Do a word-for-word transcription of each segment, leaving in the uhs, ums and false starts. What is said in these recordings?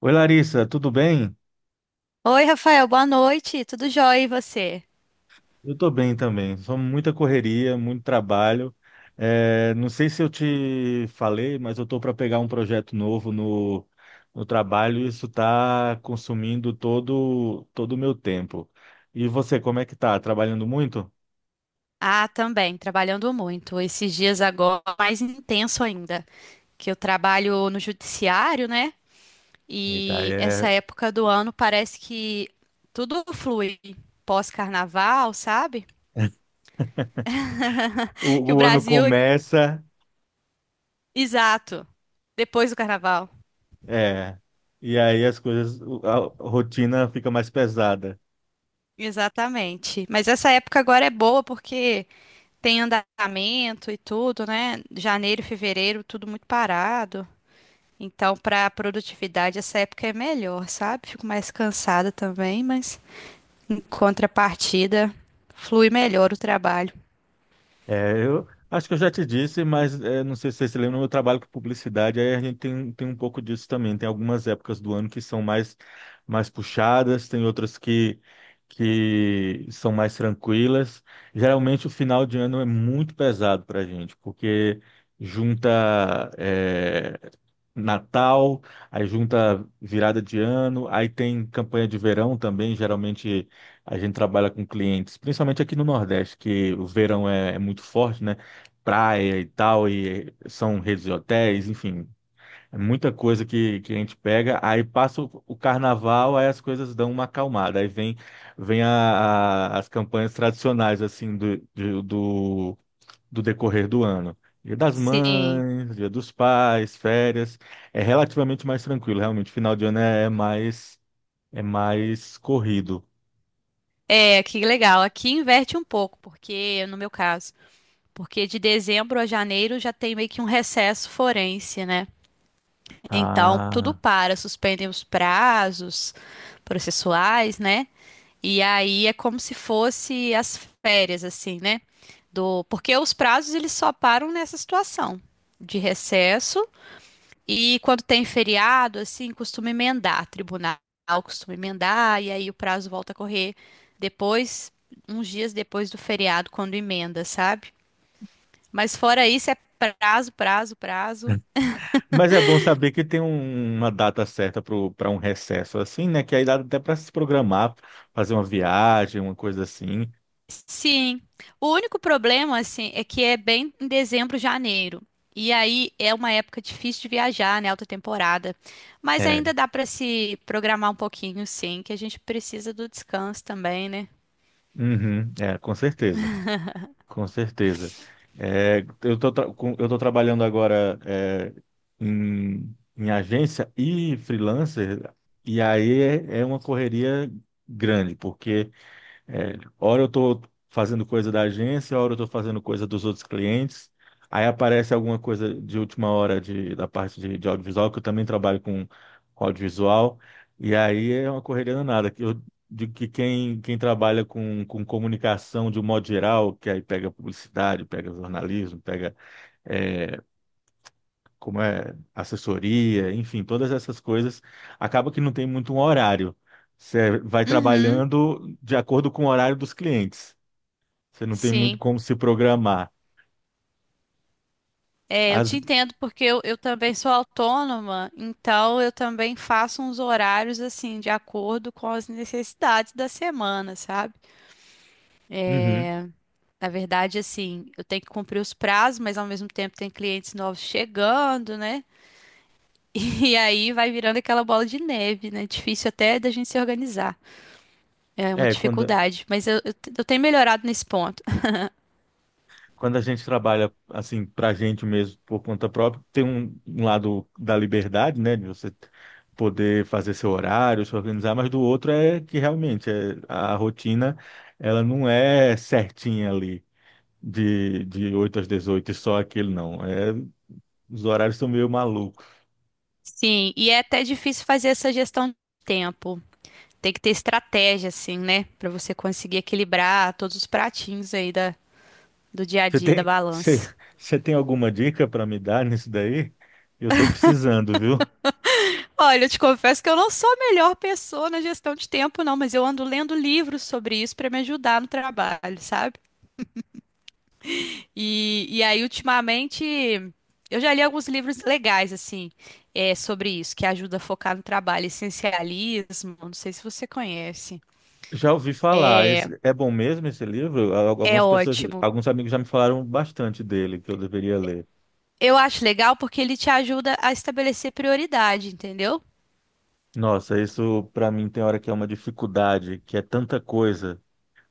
Oi, Larissa, tudo bem? Oi, Rafael, boa noite. Tudo jóia e você? Eu estou bem também. Só muita correria, muito trabalho. É, não sei se eu te falei, mas eu estou para pegar um projeto novo no, no trabalho e isso está consumindo todo todo o meu tempo. E você, como é que tá? Trabalhando muito? Ah, também, trabalhando muito. Esses dias agora, mais intenso ainda, que eu trabalho no judiciário, né? Eita, E essa é, época do ano parece que tudo flui pós-carnaval, sabe? Que o, o o ano Brasil, começa, exato, depois do carnaval. é, e aí as coisas, a rotina fica mais pesada. Exatamente. Mas essa época agora é boa porque tem andamento e tudo, né? Janeiro, fevereiro, tudo muito parado. Então, para produtividade, essa época é melhor, sabe? Fico mais cansada também, mas em contrapartida, flui melhor o trabalho. É, eu acho que eu já te disse, mas é, não sei se você se lembra, no meu trabalho com publicidade, aí a gente tem, tem um pouco disso também. Tem algumas épocas do ano que são mais, mais puxadas, tem outras que, que são mais tranquilas. Geralmente o final de ano é muito pesado para a gente, porque junta é, Natal, aí junta virada de ano, aí tem campanha de verão também, geralmente a gente trabalha com clientes, principalmente aqui no Nordeste, que o verão é, é muito forte, né? Praia e tal, e são redes de hotéis, enfim, é muita coisa que, que a gente pega. Aí passa o, o carnaval, aí as coisas dão uma acalmada. Aí vem, vem a- a- as campanhas tradicionais, assim, do, de- do, do decorrer do ano. Dia das Sim, Mães, Dia dos Pais, férias. É relativamente mais tranquilo, realmente. Final de ano é, é mais, é mais corrido. é, que legal. Aqui inverte um pouco, porque no meu caso, porque de dezembro a janeiro já tem meio que um recesso forense, né? Então, tudo Ah. para, suspendem os prazos processuais, né? E aí é como se fosse as férias, assim, né? Do... Porque os prazos eles só param nessa situação de recesso e quando tem feriado, assim, costuma emendar, tribunal costuma emendar e aí o prazo volta a correr depois, uns dias depois do feriado, quando emenda, sabe? Mas fora isso é prazo, prazo, prazo. Mas é bom saber que tem um- uma data certa para um recesso assim, né? Que aí dá até para se programar, fazer uma viagem, uma coisa assim. Sim. O único problema, assim, é que é bem em dezembro, janeiro. E aí é uma época difícil de viajar, né? Alta temporada. Mas É, ainda dá para se programar um pouquinho, sim, que a gente precisa do descanso também, né? uhum, é, com certeza, com certeza. É, eu tô, tra- com- eu tô trabalhando agora é, em, em agência e freelancer, e aí é, é uma correria grande, porque é, hora eu estou fazendo coisa da agência, hora eu estou fazendo coisa dos outros clientes. Aí aparece alguma coisa de última hora de, da parte de, de audiovisual, que eu também trabalho com, com audiovisual. E aí é uma correria danada que Eu digo que quem, quem trabalha com, com comunicação de um modo geral, que aí pega publicidade, pega jornalismo, pega é, como é, assessoria, enfim, todas essas coisas, acaba que não tem muito um horário. Você vai Uhum, trabalhando de acordo com o horário dos clientes. Você não tem muito sim. como se programar. É, eu te As... entendo porque eu, eu também sou autônoma, então eu também faço uns horários assim, de acordo com as necessidades da semana, sabe? Uhum. Na verdade, assim, eu tenho que cumprir os prazos, mas ao mesmo tempo tem clientes novos chegando, né? E aí vai virando aquela bola de neve, né? Difícil até da gente se organizar. É uma É, quando, dificuldade, mas eu, eu, te- eu tenho melhorado nesse ponto. quando a gente trabalha assim para a gente mesmo por conta própria, tem um, um lado da liberdade, né, de você poder fazer seu horário, se organizar, mas do outro é que realmente é, a rotina ela não é certinha ali de, de oito às dezoito e só aquele não. É, os horários são meio malucos. Sim, e é até difícil fazer essa gestão de tempo. Tem que ter estratégia, assim, né? Pra você conseguir equilibrar todos os pratinhos aí da, do dia a Você dia, da tem, você, balança. você tem alguma dica para me dar nisso daí? Eu estou precisando, viu? Olha, eu te confesso que eu não sou a melhor pessoa na gestão de tempo, não, mas eu ando lendo livros sobre isso para me ajudar no trabalho, sabe? E, e aí, ultimamente, eu já li alguns livros legais, assim, é, sobre isso, que ajuda a focar no trabalho. Essencialismo, não sei se você conhece. Já ouvi falar. Esse- é bom mesmo esse livro? Al- É Algumas pessoas, ótimo. alguns amigos já me falaram bastante dele, que eu deveria ler. Eu acho legal porque ele te ajuda a estabelecer prioridade, entendeu? Nossa, isso para mim tem hora que é uma dificuldade, que é tanta coisa.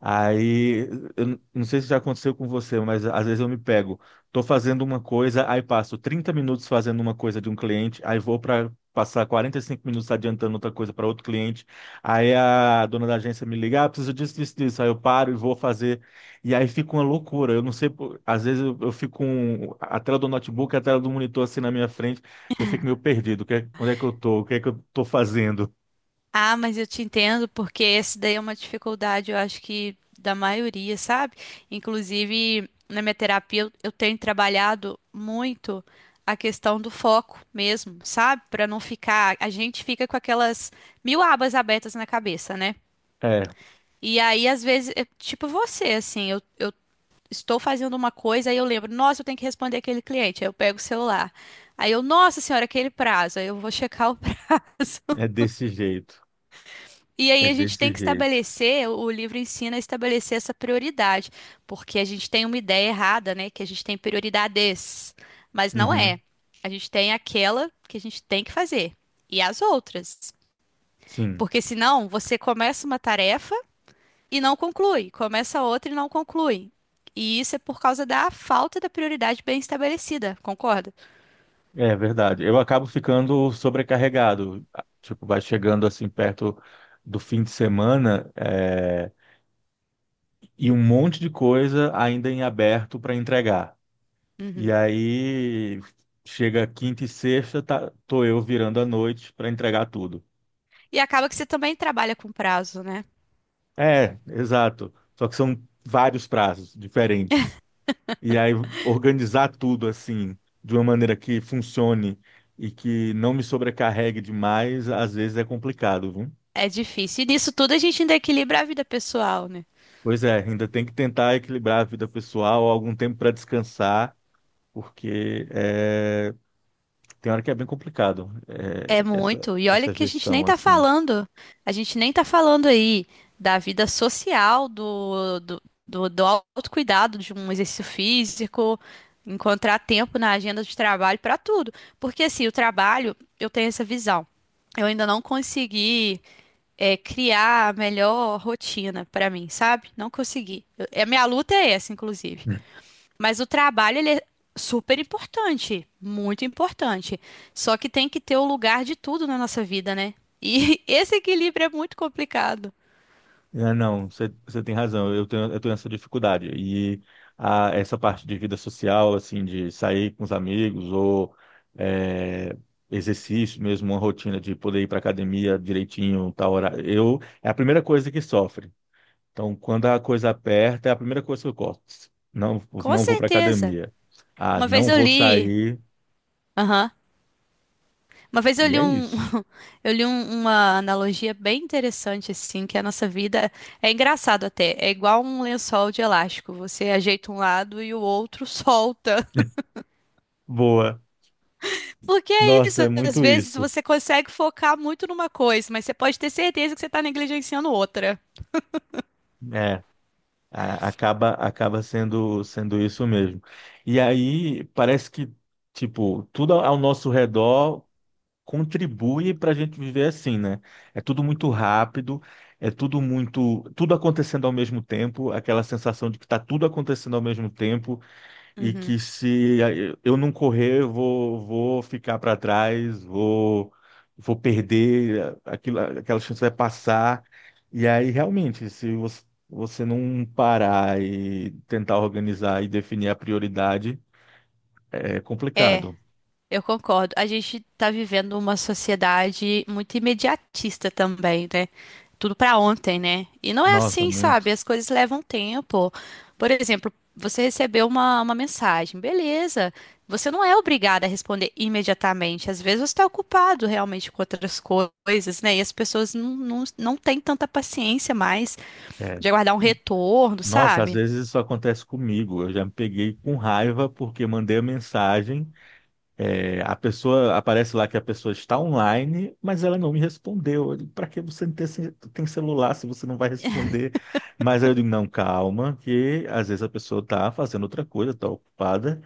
Aí, eu não sei se já aconteceu com você, mas às vezes eu me pego, tô fazendo uma coisa, aí passo trinta minutos fazendo uma coisa de um cliente, aí vou para passar quarenta e cinco minutos adiantando outra coisa para outro cliente. Aí a dona da agência me liga, ah, preciso disso, disso, disso. Aí eu paro e vou fazer. E aí fica uma loucura. Eu não sei, por- às vezes eu, eu fico com a tela do notebook, a tela do monitor assim na minha frente, eu fico meio perdido. O que é- onde é que eu tô? O que é que eu tô fazendo? Ah, mas eu te entendo, porque essa daí é uma dificuldade, eu acho que da maioria, sabe? Inclusive, na minha terapia, eu eu tenho trabalhado muito a questão do foco mesmo, sabe? Pra não ficar. A gente fica com aquelas mil abas abertas na cabeça, né? É, E aí, às vezes, é tipo você, assim, eu, eu estou fazendo uma coisa, aí eu lembro, nossa, eu tenho que responder aquele cliente, aí eu pego o celular. Aí eu, nossa senhora, aquele prazo, aí eu vou checar o prazo. é desse jeito. E aí É a gente desse tem que jeito. estabelecer, o livro ensina a estabelecer essa prioridade, porque a gente tem uma ideia errada, né? Que a gente tem prioridades, mas não é. Uhum. A gente tem aquela que a gente tem que fazer e as outras. Sim, Porque senão você começa uma tarefa e não conclui, começa outra e não conclui. E isso é por causa da falta da prioridade bem estabelecida, concorda? é verdade. Eu acabo ficando sobrecarregado. Ah, tipo, vai chegando assim perto do fim de semana, é, e um monte de coisa ainda em aberto para entregar. E Uhum. aí chega quinta e sexta, tá, tô eu virando a noite para entregar tudo. E acaba que você também trabalha com prazo, né? É, exato. Só que são vários prazos diferentes. E aí organizar tudo assim, de uma maneira que funcione e que não me sobrecarregue demais, às vezes é complicado, viu? É difícil. E nisso tudo a gente ainda equilibra a vida pessoal, né? Pois é, ainda tem que tentar equilibrar a vida pessoal, algum tempo para descansar, porque é, tem hora que é bem complicado É é, essa, muito. E olha essa que a gente nem gestão tá assim. falando. A gente nem tá falando aí da vida social, do, do, do, do autocuidado, de um exercício físico, encontrar tempo na agenda de trabalho para tudo. Porque assim, o trabalho, eu tenho essa visão. Eu ainda não consegui, é, criar a melhor rotina para mim, sabe? Não consegui. Eu- a minha luta é essa, inclusive. Hum. Mas o trabalho, ele é super importante, muito importante. Só que tem que ter o lugar de tudo na nossa vida, né? E esse equilíbrio é muito complicado. É, não, você você tem razão, eu tenho, eu tenho essa dificuldade. E a, essa parte de vida social, assim, de sair com os amigos ou é, exercício mesmo, uma rotina de poder ir para academia direitinho, tal hora, eu, é a primeira coisa que sofre. Então, quando a coisa aperta, é a primeira coisa que eu corto. Não, Com não vou para certeza. academia. Ah, Uma vez não eu vou li, sair. aham. Uma vez eu E li é um, isso. eu li um- uma analogia bem interessante assim, que a nossa vida é engraçado até, é igual um lençol de elástico, você ajeita um lado e o outro solta. Boa. Porque é Nossa, isso, é às muito vezes isso. você consegue focar muito numa coisa, mas você pode ter certeza que você está negligenciando outra. É, a- acaba acaba sendo sendo isso mesmo. E aí parece que tipo, tudo ao nosso redor contribui para a gente viver assim, né? É tudo muito rápido, é tudo muito tudo acontecendo ao mesmo tempo, aquela sensação de que está tudo acontecendo ao mesmo tempo e Uhum. que se eh, eu não correr, eu vou, vou ficar para trás, vou, vou perder, eh, aquilo, aquela chance vai passar. E aí, realmente, se você, você não parar e tentar organizar e definir a prioridade, é É, complicado. eu concordo. A gente tá vivendo uma sociedade muito imediatista também, né? Tudo pra ontem, né? E não é Nossa, assim, sabe? muito. As coisas levam tempo. Por exemplo, você recebeu uma, uma mensagem, beleza. Você não é obrigada a responder imediatamente. Às vezes você está ocupado realmente com outras coisas, né? E as pessoas não, não, não têm tanta paciência mais. É. De aguardar um retorno, Nossa, às sabe? vezes isso acontece comigo. Eu já me peguei com raiva porque mandei a mensagem. É, a pessoa aparece lá que a pessoa está online, mas ela não me respondeu. Para que você ter, ce- tem celular se você não vai responder? Mas aí eu digo, não, calma, que às vezes a pessoa está fazendo outra coisa, está ocupada,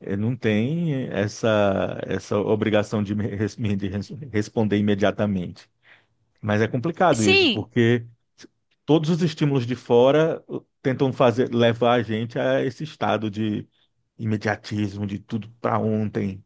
eh, não tem essa, essa obrigação de me, res- me- de res- responder imediatamente. Mas é E complicado isso, sim, porque todos os estímulos de fora uh, tentam fazer levar a gente a esse estado de imediatismo, de tudo para ontem.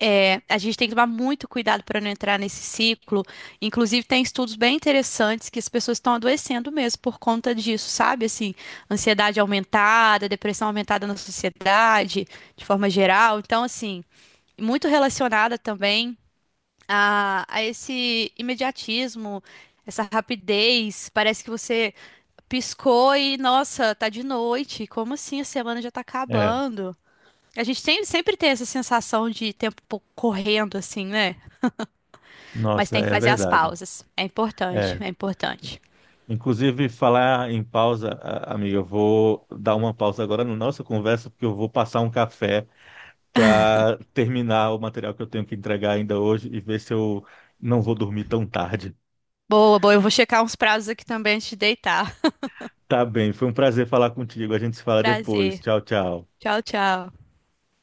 é, a gente tem que tomar muito cuidado para não entrar nesse ciclo. Inclusive, tem estudos bem interessantes que as pessoas estão adoecendo mesmo por conta disso, sabe? Assim, ansiedade aumentada, depressão aumentada na sociedade, de forma geral. Então, assim, muito relacionada também a, a esse imediatismo, essa rapidez. Parece que você piscou e, nossa, tá de noite. Como assim? A semana já tá É. acabando. A gente tem, sempre tem essa sensação de tempo pou- correndo, assim, né? Mas Nossa, tem que é fazer as verdade. pausas. É importante, É. é importante. Inclusive, falar em pausa, a- amiga, eu vou dar uma pausa agora na nossa conversa, porque eu vou passar um café para terminar o material que eu tenho que entregar ainda hoje e ver se eu não vou dormir tão tarde. Boa, boa. Eu vou checar uns prazos aqui também antes de deitar. Tá bem, foi um prazer falar contigo. A gente se fala depois. Prazer. Tchau, tchau. Tchau, tchau.